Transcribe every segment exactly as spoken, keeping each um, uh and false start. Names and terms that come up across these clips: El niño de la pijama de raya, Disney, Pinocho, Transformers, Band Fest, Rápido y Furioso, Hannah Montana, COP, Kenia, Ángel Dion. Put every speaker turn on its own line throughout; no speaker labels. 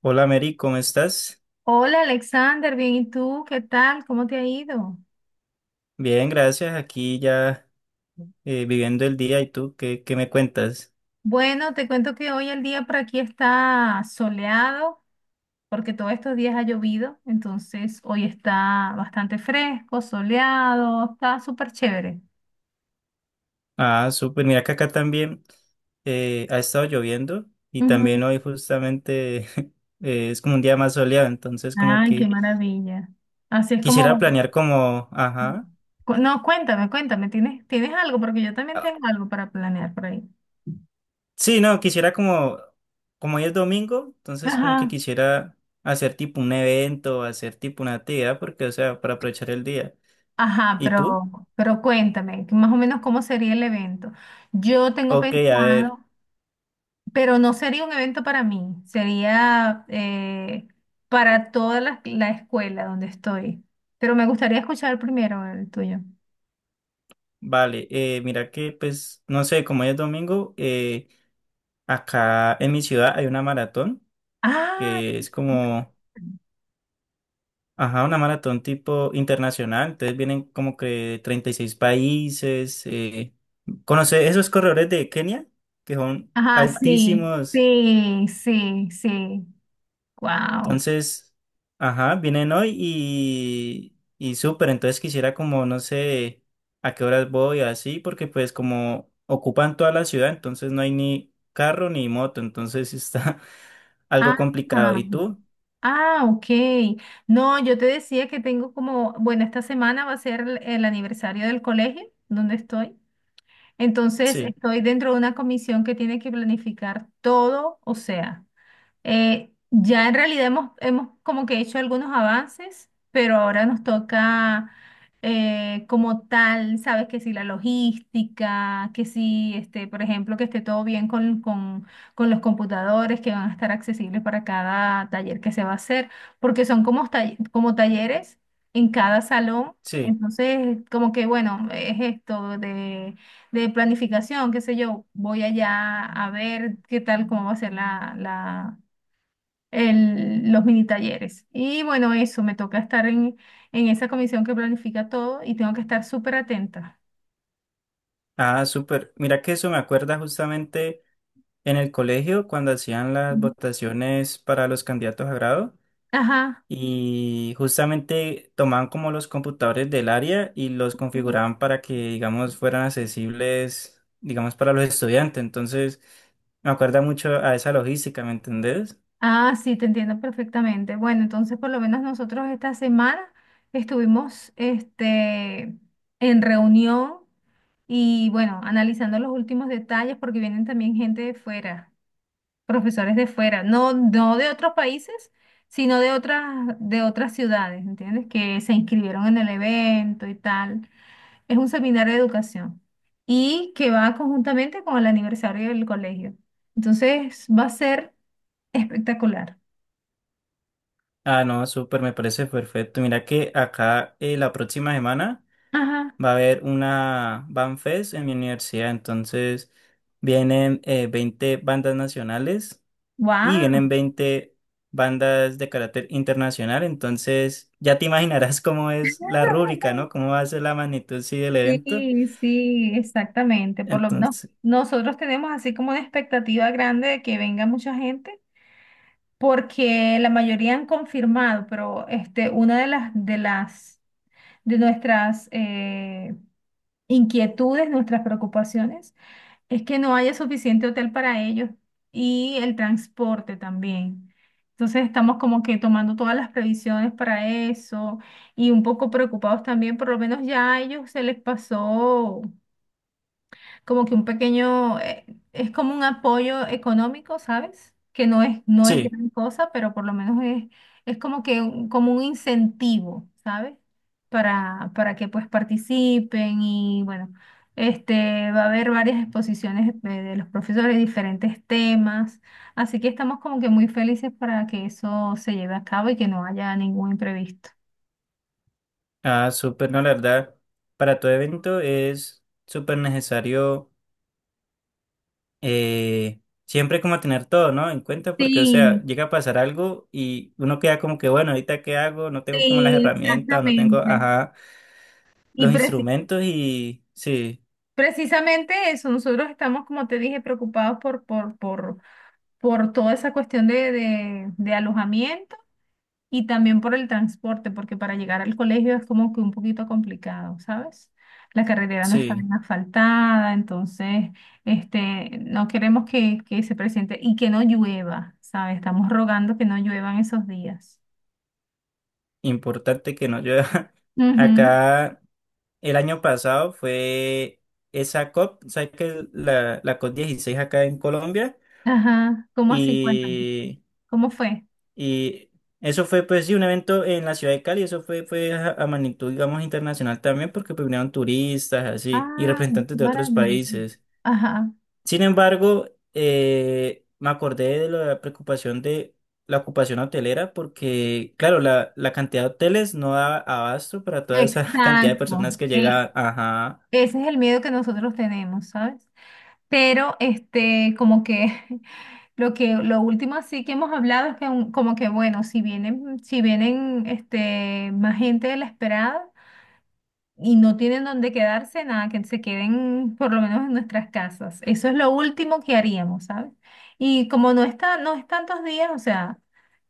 Hola Mary, ¿cómo estás?
Hola Alexander, bien, ¿y tú qué tal? ¿Cómo te ha ido?
Bien, gracias. Aquí ya eh, viviendo el día. ¿Y tú qué, qué me cuentas?
Bueno, te cuento que hoy el día por aquí está soleado porque todos estos días ha llovido, entonces hoy está bastante fresco, soleado, está súper chévere.
Ah, súper. Mira que acá también eh, ha estado lloviendo y
Ujú.
también hoy justamente eh, es como un día más soleado. Entonces como
Ay, qué
que
maravilla. Así es
quisiera
como...
planear como, ajá.
cu- No, cuéntame, cuéntame, ¿tienes, tienes algo? Porque yo también tengo
Ah,
algo para planear por ahí.
sí, no, quisiera como, como hoy es domingo, entonces como que
Ajá.
quisiera hacer tipo un evento, hacer tipo una actividad, porque o sea, para aprovechar el día.
Ajá,
¿Y
pero,
tú?
pero cuéntame, que más o menos cómo sería el evento. Yo tengo
Ok, a ver.
pensado, pero no sería un evento para mí, sería eh, para toda la, la escuela donde estoy. Pero me gustaría escuchar primero el tuyo.
Vale, eh, mira que pues, no sé, como hoy es domingo, eh, acá en mi ciudad hay una maratón
Ah,
que es como, ajá, una maratón tipo internacional, entonces vienen como que treinta y seis países, eh, conoce esos corredores de Kenia, que son
ajá, sí,
altísimos.
sí, sí, sí. Wow.
Entonces, ajá, vienen hoy y, y súper, entonces quisiera como, no sé, a qué horas voy, así, porque pues como ocupan toda la ciudad, entonces no hay ni carro ni moto, entonces está algo
Ah,
complicado. ¿Y tú?
ah, ok. No, yo te decía que tengo como, bueno, esta semana va a ser el el aniversario del colegio donde estoy. Entonces,
Sí,
estoy dentro de una comisión que tiene que planificar todo, o sea, eh, ya en realidad hemos, hemos como que hecho algunos avances, pero ahora nos toca eh, como tal, sabes que si la logística, que si, este, por ejemplo, que esté todo bien con, con, con los computadores que van a estar accesibles para cada taller que se va a hacer, porque son como, tall- como talleres en cada salón.
sí.
Entonces, como que bueno, es esto de de planificación, qué sé yo, voy allá a ver qué tal, cómo va a ser la, la, el- los mini talleres. Y bueno, eso, me toca estar en, en esa comisión que planifica todo y tengo que estar súper atenta.
Ah, súper. Mira que eso me acuerda justamente en el colegio cuando hacían las
Ujú.
votaciones para los candidatos a grado.
Ajá.
Y justamente tomaban como los computadores del área y los
Ujú.
configuraban para que, digamos, fueran accesibles, digamos, para los estudiantes. Entonces, me acuerda mucho a esa logística, ¿me entendés?
Ah, sí, te entiendo perfectamente. Bueno, entonces por lo menos nosotros esta semana estuvimos este, en reunión y bueno, analizando los últimos detalles porque vienen también gente de fuera. Profesores de fuera, no, no de otros países, sino de otras, de otras ciudades, ¿entiendes? Que se inscribieron en el evento y tal. Es un seminario de educación y que va conjuntamente con el aniversario del colegio. Entonces va a ser espectacular.
Ah, no, súper, me parece perfecto. Mira que acá eh, la próxima semana
Ajá.
va a haber una Band Fest en mi universidad. Entonces, vienen eh, veinte bandas nacionales y
Wow.
vienen veinte bandas de carácter internacional, entonces ya te imaginarás cómo es la rúbrica, ¿no? Cómo va a ser la magnitud, sí, del evento.
Sí, sí, exactamente. Por lo menos
Entonces,
nosotros tenemos así como una expectativa grande de que venga mucha gente, porque la mayoría han confirmado, pero este, una de las de las de nuestras eh, inquietudes, nuestras preocupaciones, es que no haya suficiente hotel para ellos y el transporte también. Entonces estamos como que tomando todas las previsiones para eso y un poco preocupados también. Por lo menos ya a ellos se les pasó como que un pequeño, eh, es como un apoyo económico, ¿sabes? Que no es, no es
sí,
gran cosa, pero por lo menos es, es como que un- como un incentivo, ¿sabes? Para, para que pues participen y bueno, este, va a haber varias exposiciones de, de los profesores, diferentes temas, así que estamos como que muy felices para que eso se lleve a cabo y que no haya ningún imprevisto.
ah, súper, no, la verdad, para todo evento es súper necesario eh, siempre como tener todo, ¿no? En cuenta porque, o sea,
Sí,
llega a pasar algo y uno queda como que, bueno, ahorita qué hago, no tengo como las
sí,
herramientas, o no tengo,
exactamente.
ajá,
Y
los
preci-
instrumentos y sí,
Precisamente eso, nosotros estamos, como te dije, preocupados por, por, por, por toda esa cuestión de, de, de alojamiento y también por el transporte, porque para llegar al colegio es como que un poquito complicado, ¿sabes? La carretera no está
sí.
bien asfaltada, entonces este, no queremos que, que se presente y que no llueva, ¿sabes? Estamos rogando que no lluevan esos días.
Importante que no llueva.
Ujú.
Acá el año pasado fue esa C O P, ¿sabes que La, la C O P dieciséis acá en Colombia?
Ajá, ¿cómo así? Cuéntame,
Y,
¿cómo fue?
y eso fue pues sí un evento en la ciudad de Cali, eso fue, fue a, a magnitud digamos internacional también porque pues, vinieron turistas así y
Ah,
representantes
qué
de otros
maravilla.
países.
Ajá.
Sin embargo, eh, me acordé de la preocupación de la ocupación hotelera porque, claro, la, la cantidad de hoteles no da abasto para toda esa cantidad de personas
Exacto,
que
es,
llega. Ajá,
ese es el miedo que nosotros tenemos, ¿sabes? Pero este, como que lo que lo último así que hemos hablado es que un- como que bueno, si vienen, si vienen este más gente de la esperada y no tienen dónde quedarse, nada, que se queden por lo menos en nuestras casas. Eso es lo último que haríamos, ¿sabes? Y como no está, no es tantos días, o sea,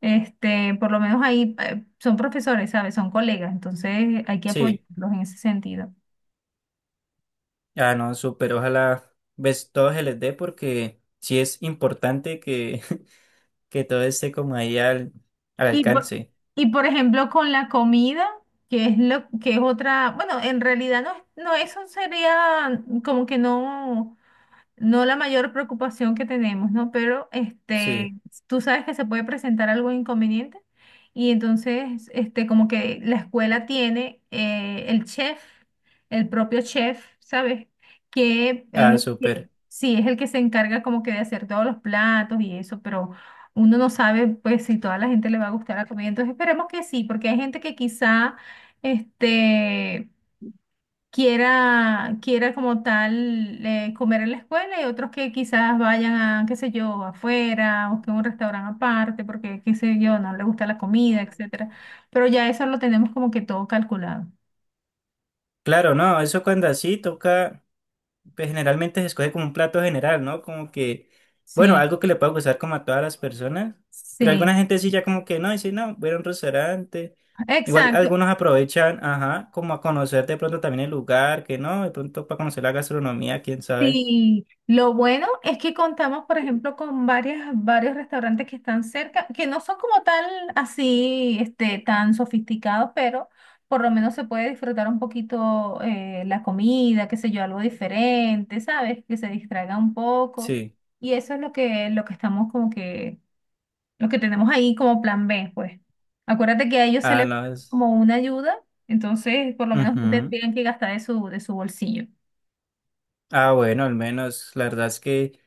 este, por lo menos ahí eh, son profesores, ¿sabes? Son colegas, entonces hay que
sí,
apoyarlos en ese sentido.
ah, no, súper, ojalá ves todo se les dé porque sí es importante que, que todo esté como ahí al, al
Y por,
alcance.
y por ejemplo con la comida, que es lo que es otra, bueno, en realidad no, es- no eso sería como que no no la mayor preocupación que tenemos, ¿no? Pero este,
Sí,
tú sabes que se puede presentar algo inconveniente y entonces, este, como que la escuela tiene eh, el chef, el propio chef, ¿sabes? Que
ah,
es, que,
súper.
sí, es el que se encarga como que de hacer todos los platos y eso, pero uno no sabe, pues, si toda la gente le va a gustar la comida. Entonces, esperemos que sí, porque hay gente que quizá, este quiera, quiera como tal eh, comer en la escuela y otros que quizás vayan a, qué sé yo, afuera o que un restaurante aparte porque, qué sé yo, no le gusta la comida, etcétera. Pero ya eso lo tenemos como que todo calculado.
Claro, no, eso cuando así toca. Pues, generalmente se escoge como un plato general, ¿no? Como que, bueno,
Sí,
algo que le pueda gustar como a todas las personas, pero alguna
sí,
gente sí ya como que no, dice, no, voy a ir a un restaurante. Igual
exacto.
algunos aprovechan, ajá, como a conocer de pronto también el lugar, que no, de pronto para conocer la gastronomía, quién sabe.
Sí, lo bueno es que contamos, por ejemplo, con varias, varios restaurantes que están cerca, que no son como tal así, este, tan sofisticados, pero por lo menos se puede disfrutar un poquito eh, la comida, qué sé yo, algo diferente, ¿sabes? Que se distraiga un poco.
Sí.
Y eso es lo que, lo que estamos como que, lo que tenemos ahí como plan B, pues. Acuérdate que a ellos se
Ah,
les da
no. Es-
como una ayuda, entonces por lo menos no
ujú.
tendrían que gastar de su, de su bolsillo.
Ah, bueno, al menos, la verdad es que...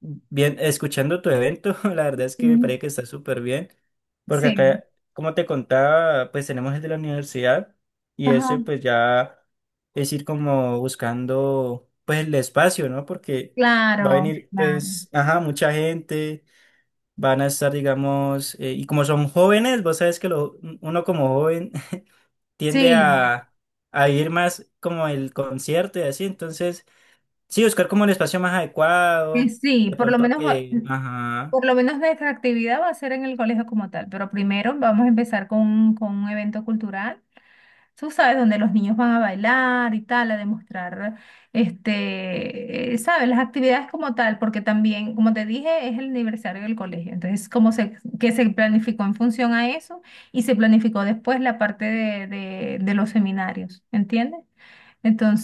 bien, escuchando tu evento, la verdad es que me
Mm.
parece que está súper bien, porque
Sí.
acá, como te contaba, pues tenemos el de la universidad y ese
Ajá.
pues ya es ir como buscando pues el espacio, ¿no? Porque va a
Claro,
venir
claro.
pues, ajá, mucha gente, van a estar, digamos, eh, y como son jóvenes, vos sabes que lo- uno como joven tiende
Sí,
a, a ir más como el concierto y así, entonces... sí, buscar como el espacio más
que
adecuado,
sí,
de
por lo
pronto
menos va-
que... Ajá.
por lo menos nuestra actividad va a ser en el colegio como tal, pero primero vamos a empezar con, un con un evento cultural, tú sabes, donde los niños van a bailar y tal, a demostrar, este, eh, sabes, las actividades como tal, porque también, como te dije, es el aniversario del colegio, entonces, como se, que se planificó en función a eso y se planificó después la parte de, de, de los seminarios, ¿entiendes?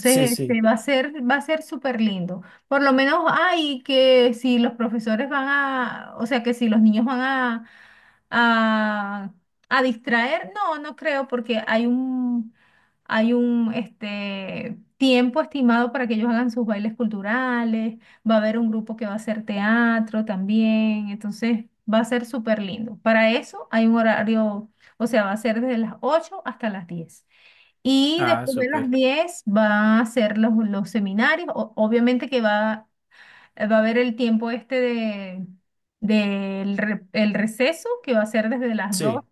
Sí,
este,
sí.
va a ser, va a ser súper lindo. Por lo menos hay que si los profesores van a, o sea, que si los niños van a, a, a distraer, no, no creo, porque hay un, hay un, este, tiempo estimado para que ellos hagan sus bailes culturales, va a haber un grupo que va a hacer teatro también, entonces va a ser súper lindo. Para eso hay un horario, o sea, va a ser desde las ocho hasta las diez. Y
Ah,
después de las
súper.
diez va a hacer los, los seminarios. O- obviamente que va, eh, va a haber el tiempo este de, del re- el receso, que va a ser desde las dos,
Sí.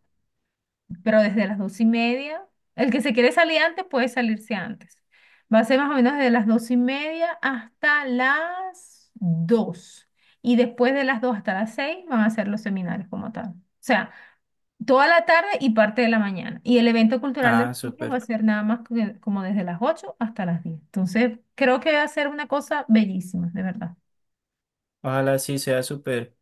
pero desde las dos y media. El que se quiere salir antes puede salirse antes. Va a ser más o menos desde las dos y media hasta las dos. Y después de las dos hasta las seis van a hacer los seminarios como tal. O sea, toda la tarde y parte de la mañana. Y el evento cultural de
Ah,
los niños va a
súper.
ser nada más que- como desde las ocho hasta las diez. Entonces, creo que va a ser una cosa bellísima, de verdad.
Ojalá sí sea súper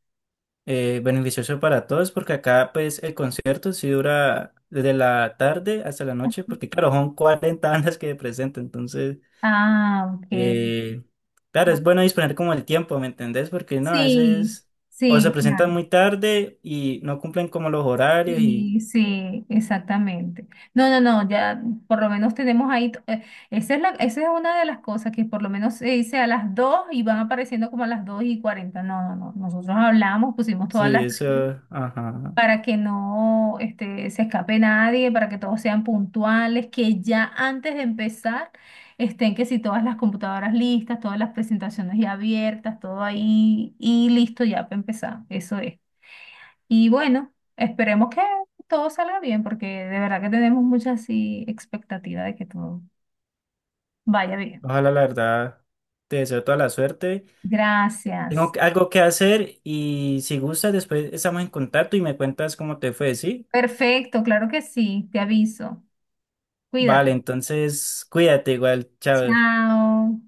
eh, beneficioso para todos, porque acá pues el concierto sí dura desde la tarde hasta la noche, porque claro, son cuarenta bandas que presentan entonces...
Ah, ok.
eh, claro,
Bu-
es bueno disponer como el tiempo, ¿me entendés? Porque no, a
Sí,
veces o se
sí,
presentan
claro.
muy tarde y no cumplen como los horarios y...
Y sí, exactamente. No, no, no, ya por lo menos tenemos ahí, to- eh, esa es la, esa es una de las cosas que por lo menos se dice a las dos y van apareciendo como a las dos y cuarenta. No, no, no, nosotros hablamos, pusimos
sí,
todas las...
eso, ajá.
Para que no este, se escape nadie, para que todos sean puntuales, que ya antes de empezar estén que si todas las computadoras listas, todas las presentaciones ya abiertas, todo ahí y listo ya para empezar, eso es. Y bueno, esperemos que todo salga bien porque de verdad que tenemos mucha así expectativa de que todo vaya bien.
Ojalá, la verdad, te deseo toda la suerte. Tengo
Gracias.
que- algo que hacer y si gustas, después estamos en contacto y me cuentas cómo te fue, ¿sí?
Perfecto, claro que sí, te aviso.
Vale,
Cuídate.
entonces cuídate igual, chao.
Chao.